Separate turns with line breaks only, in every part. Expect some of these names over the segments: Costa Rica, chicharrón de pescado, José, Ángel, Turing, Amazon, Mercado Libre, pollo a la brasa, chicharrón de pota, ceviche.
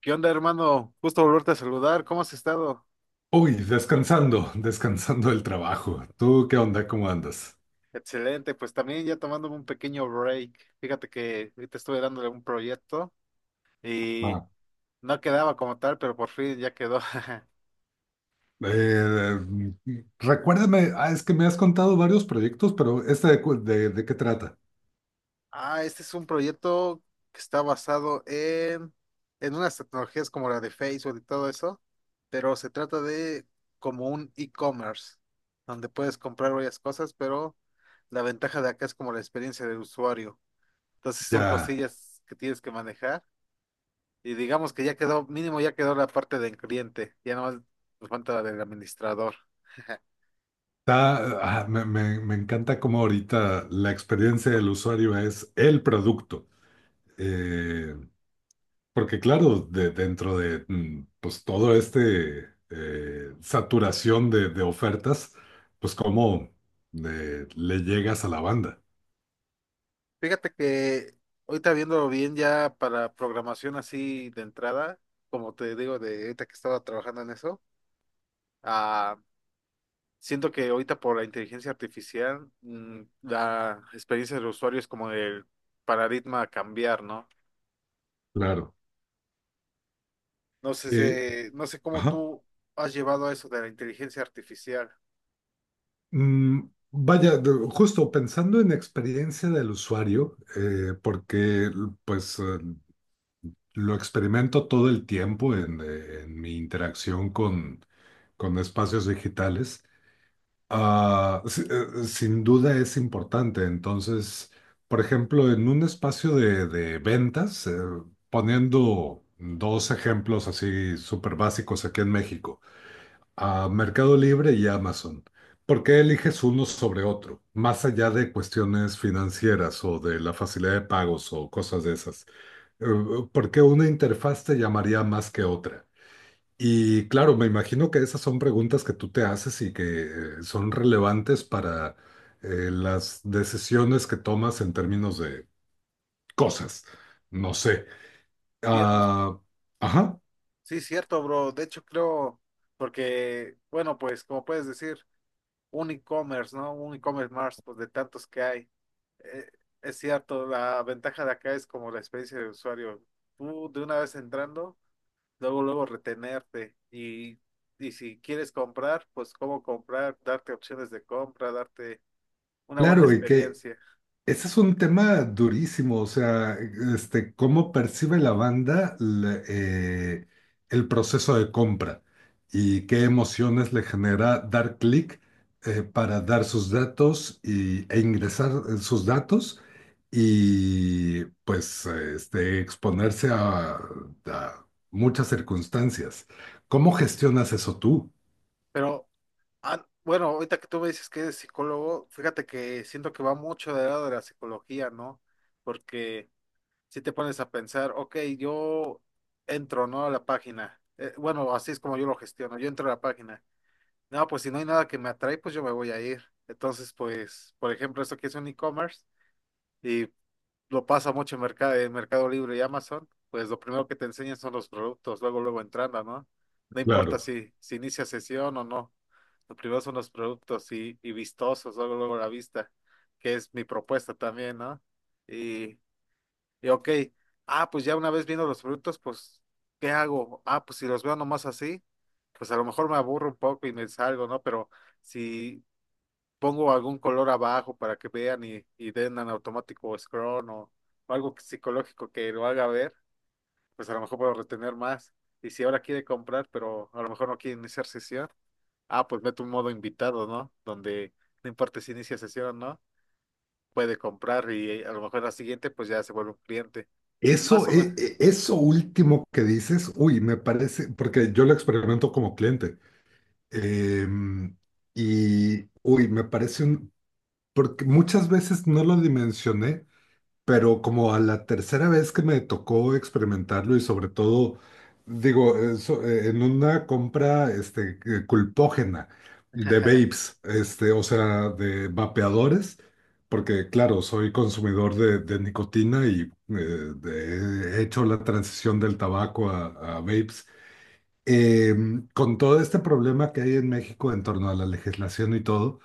¿Qué onda, hermano? Gusto volverte a saludar. ¿Cómo has estado?
Uy, descansando, descansando del trabajo. ¿Tú qué onda? ¿Cómo andas?
Excelente, pues también ya tomándome un pequeño break. Fíjate que ahorita estuve dándole un proyecto y
Ah,
no quedaba como tal, pero por fin ya quedó.
Eh, Recuérdame, es que me has contado varios proyectos, pero ¿este de qué trata?
Ah, este es un proyecto que está basado en unas tecnologías como la de Facebook y todo eso, pero se trata de como un e-commerce, donde puedes comprar varias cosas, pero la ventaja de acá es como la experiencia del usuario. Entonces son
Ya,
cosillas que tienes que manejar. Y digamos que ya quedó, mínimo ya quedó la parte del cliente, ya nomás nos falta la del administrador.
está, me, me encanta cómo ahorita la experiencia del usuario es el producto. Eh, Porque claro, dentro de pues, todo este saturación de ofertas, pues cómo le llegas a la banda.
Fíjate que ahorita viéndolo bien ya para programación así de entrada, como te digo, de ahorita que estaba trabajando en eso, ah, siento que ahorita por la inteligencia artificial, la experiencia del usuario es como el paradigma a cambiar, ¿no?
Claro.
No sé,
Eh,
no sé cómo
ajá.
tú has llevado a eso de la inteligencia artificial.
Mm, vaya, justo pensando en experiencia del usuario, porque pues lo experimento todo el tiempo en mi interacción con espacios digitales, sin duda es importante. Entonces, por ejemplo, en un espacio de ventas, poniendo dos ejemplos así súper básicos aquí en México, a Mercado Libre y Amazon. ¿Por qué eliges uno sobre otro? Más allá de cuestiones financieras o de la facilidad de pagos o cosas de esas. Eh, Por qué una interfaz te llamaría más que otra? Y claro, me imagino que esas son preguntas que tú te haces y que son relevantes para las decisiones que tomas en términos de cosas. No sé.
Piernas.
Ah, ajá.
Sí, cierto, bro. De hecho, creo, porque, bueno, pues como puedes decir, un e-commerce, ¿no? Un e-commerce más, pues de tantos que hay. Eh, es cierto, la ventaja de acá es como la experiencia de usuario. Tú de una vez entrando, luego, luego retenerte. Y si quieres comprar, pues cómo comprar, darte opciones de compra, darte una buena
Claro, y que
experiencia.
ese es un tema durísimo, o sea, este, cómo percibe la banda el proceso de compra y qué emociones le genera dar clic para dar sus datos e ingresar sus datos y pues este, exponerse a muchas circunstancias. ¿Cómo gestionas eso tú?
Pero, bueno, ahorita que tú me dices que eres psicólogo, fíjate que siento que va mucho del lado de la psicología, ¿no? Porque si te pones a pensar, ok, yo entro, ¿no? A la página. Bueno, así es como yo lo gestiono. Yo entro a la página. No, pues si no hay nada que me atrae, pues yo me voy a ir. Entonces, pues, por ejemplo, esto que es un e-commerce y lo pasa mucho en Mercado Libre y Amazon, pues lo primero que te enseñan son los productos, luego, luego entrando, ¿no? No importa
Claro.
si inicia sesión o no. Lo primero son los productos y vistosos, luego, luego la vista, que es mi propuesta también, ¿no? Y, y ok, pues ya una vez viendo los productos, pues, ¿qué hago? Ah, pues si los veo nomás así, pues a lo mejor me aburro un poco y me salgo, ¿no? Pero si pongo algún color abajo para que vean y den en automático scroll o algo psicológico que lo haga ver, pues a lo mejor puedo retener más. Y si ahora quiere comprar, pero a lo mejor no quiere iniciar sesión, pues meto un modo invitado, ¿no? Donde no importa si inicia sesión o no, puede comprar y a lo mejor la siguiente, pues ya se vuelve un cliente.
Eso,
Más o menos.
eso último que dices, uy, me parece, porque yo lo experimento como cliente, em, y uy, me parece un, porque muchas veces no lo dimensioné, pero como a la tercera vez que me tocó experimentarlo y sobre todo, digo, eso, en una compra este, culpógena de vapes, este, o sea, de vapeadores, porque claro, soy consumidor de nicotina y eh, he hecho la transición del tabaco a vapes, eh, con todo este problema que hay en México en torno a la legislación y todo.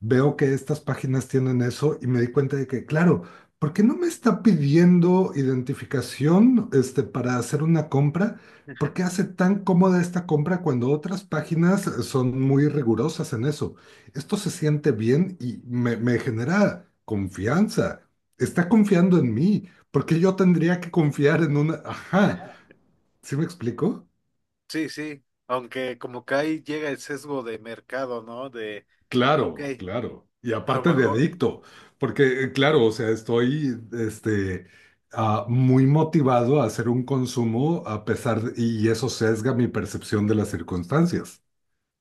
Veo que estas páginas tienen eso y me di cuenta de que, claro, ¿por qué no me está pidiendo identificación, este, para hacer una compra? ¿Por qué hace tan cómoda esta compra cuando otras páginas son muy rigurosas en eso? Esto se siente bien y me genera confianza. Está confiando en mí, porque yo tendría que confiar en una... Ajá, ¿sí me explico?
Sí, sí, aunque como que ahí llega el sesgo de mercado, ¿no? De, ok,
Claro, claro. Y
a lo
aparte de
mejor,
adicto, porque claro, o sea, estoy este, muy motivado a hacer un consumo a pesar de- y eso sesga mi percepción de las circunstancias.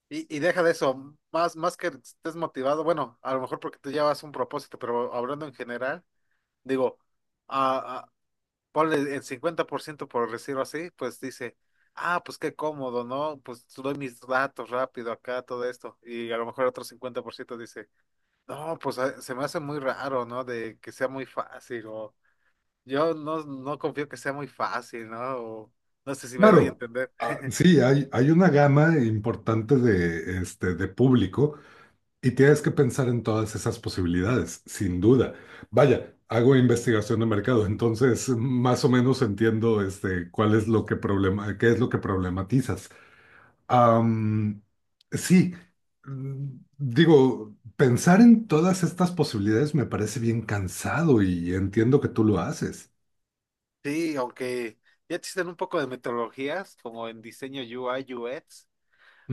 y deja de eso, más que estés motivado, bueno, a lo mejor porque tú llevas un propósito, pero hablando en general, digo, a, a- ponle el 50% por decirlo así, pues dice, ah, pues qué cómodo, ¿no? Pues doy mis datos rápido acá, todo esto, y a lo mejor otro 50% dice, no, pues se me hace muy raro, ¿no? De que sea muy fácil o... Yo no confío que sea muy fácil, ¿no? O no sé si me doy a
Claro,
entender.
ah, sí, hay una gama importante de, este, de público y tienes que pensar en todas esas posibilidades, sin duda. Vaya, hago investigación de mercado, entonces más o menos entiendo este, cuál es lo que problema, qué es lo que problematizas. Am, sí, mm, digo, pensar en todas estas posibilidades me parece bien cansado y entiendo que tú lo haces.
Sí, aunque ya existen un poco de metodologías, como en diseño UI/UX.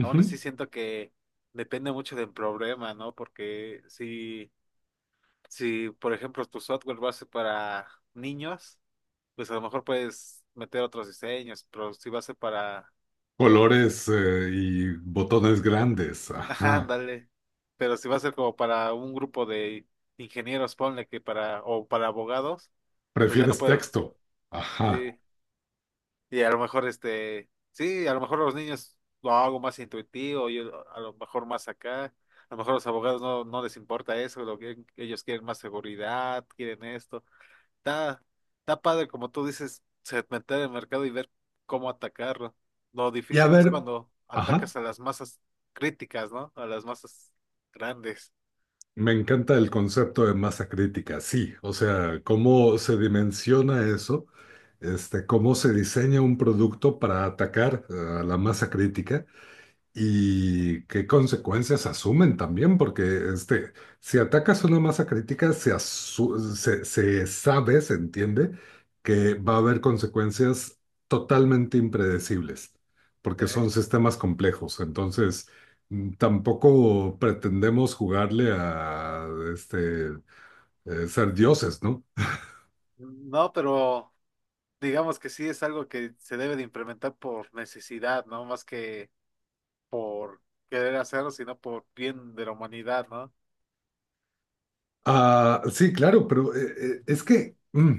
Aún así siento que depende mucho del problema, ¿no? Porque si, por ejemplo, tu software va a ser para niños, pues a lo mejor puedes meter otros diseños, pero si va a ser para...
Colores, y botones grandes,
Ajá,
ajá.
ándale. Pero si va a ser como para un grupo de ingenieros, ponle que para, o para abogados, pues ya no
¿Prefieres
puedo.
texto? Ajá.
Sí, y a lo mejor este, sí, a lo mejor los niños lo hago más intuitivo, yo a lo mejor más acá, a lo mejor los abogados no les importa eso, lo que ellos quieren más seguridad, quieren esto. Está, está padre, como tú dices, segmentar el mercado y ver cómo atacarlo. Lo
Y a
difícil es
ver,
cuando
ajá.
atacas a las masas críticas, ¿no? A las masas grandes.
Me encanta el concepto de masa crítica, sí. O sea, cómo se dimensiona eso, este, cómo se diseña un producto para atacar, a la masa crítica y qué consecuencias asumen también, porque este, si atacas una masa crítica, se, se, se sabe, se entiende que va a haber consecuencias totalmente impredecibles,
Sí.
porque son sistemas complejos. Entonces, tampoco pretendemos jugarle a este, ser dioses, ¿no?
No, pero digamos que sí es algo que se debe de implementar por necesidad, ¿no? Más que por querer hacerlo, sino por bien de la humanidad, ¿no?
Ah, sí, claro, pero es que...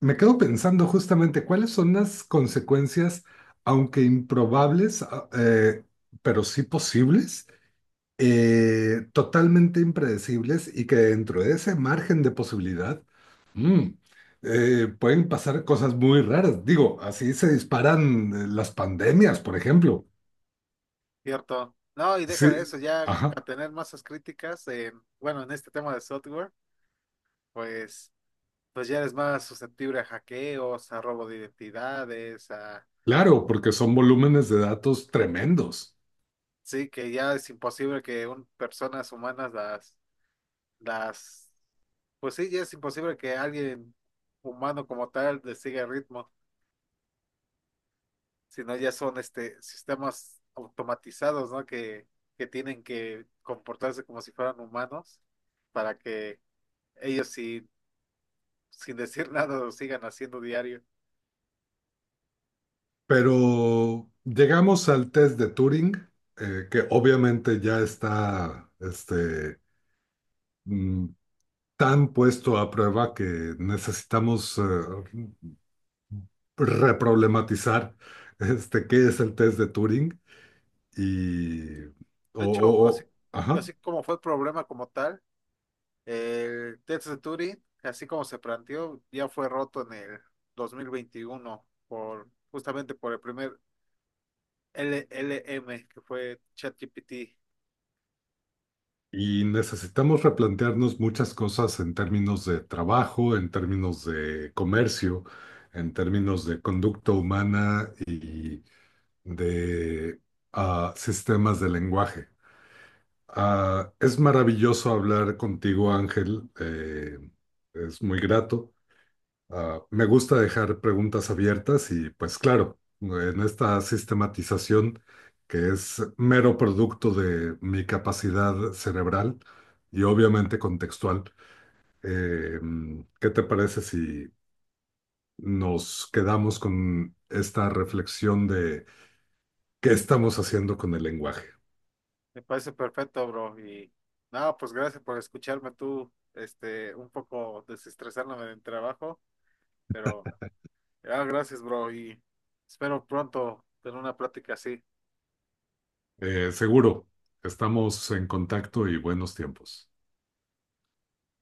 me quedo pensando justamente cuáles son las consecuencias, aunque improbables, pero sí posibles, totalmente impredecibles y que dentro de ese margen de posibilidad, mm, pueden pasar cosas muy raras. Digo, así se disparan las pandemias, por ejemplo.
Cierto. No, y deja
Sí,
de eso, ya
ajá,
a tener masas críticas en, bueno, en este tema de software, pues, pues ya eres más susceptible a hackeos, a robo de identidades, a
claro, porque son volúmenes de datos tremendos.
sí, que ya es imposible que un, personas humanas las, pues sí, ya es imposible que alguien humano como tal le siga el ritmo, sino ya son este sistemas automatizados, ¿no? Que tienen que comportarse como si fueran humanos para que ellos sin decir nada lo sigan haciendo diario.
Pero llegamos al test de Turing, que obviamente ya está este, mm, tan puesto a prueba que necesitamos reproblematizar este, qué es el test de Turing y,
De hecho, así,
ajá,
así como fue el problema como tal, el test de Turing, así como se planteó, ya fue roto en el 2021 por justamente por el primer LLM que fue ChatGPT.
y necesitamos replantearnos muchas cosas en términos de trabajo, en términos de comercio, en términos de conducta humana de sistemas de lenguaje. Ah, es maravilloso hablar contigo, Ángel. Es muy grato. Ah, me gusta dejar preguntas abiertas y pues claro, en esta sistematización que es mero producto de mi capacidad cerebral y obviamente contextual, eh, ¿qué te parece si nos quedamos con esta reflexión de qué estamos haciendo con el lenguaje?
Me parece perfecto, bro. Y nada, pues gracias por escucharme tú, este, un poco desestresándome del trabajo, pero gracias, bro. Y espero pronto tener una plática así.
Seguro, estamos en contacto y buenos tiempos.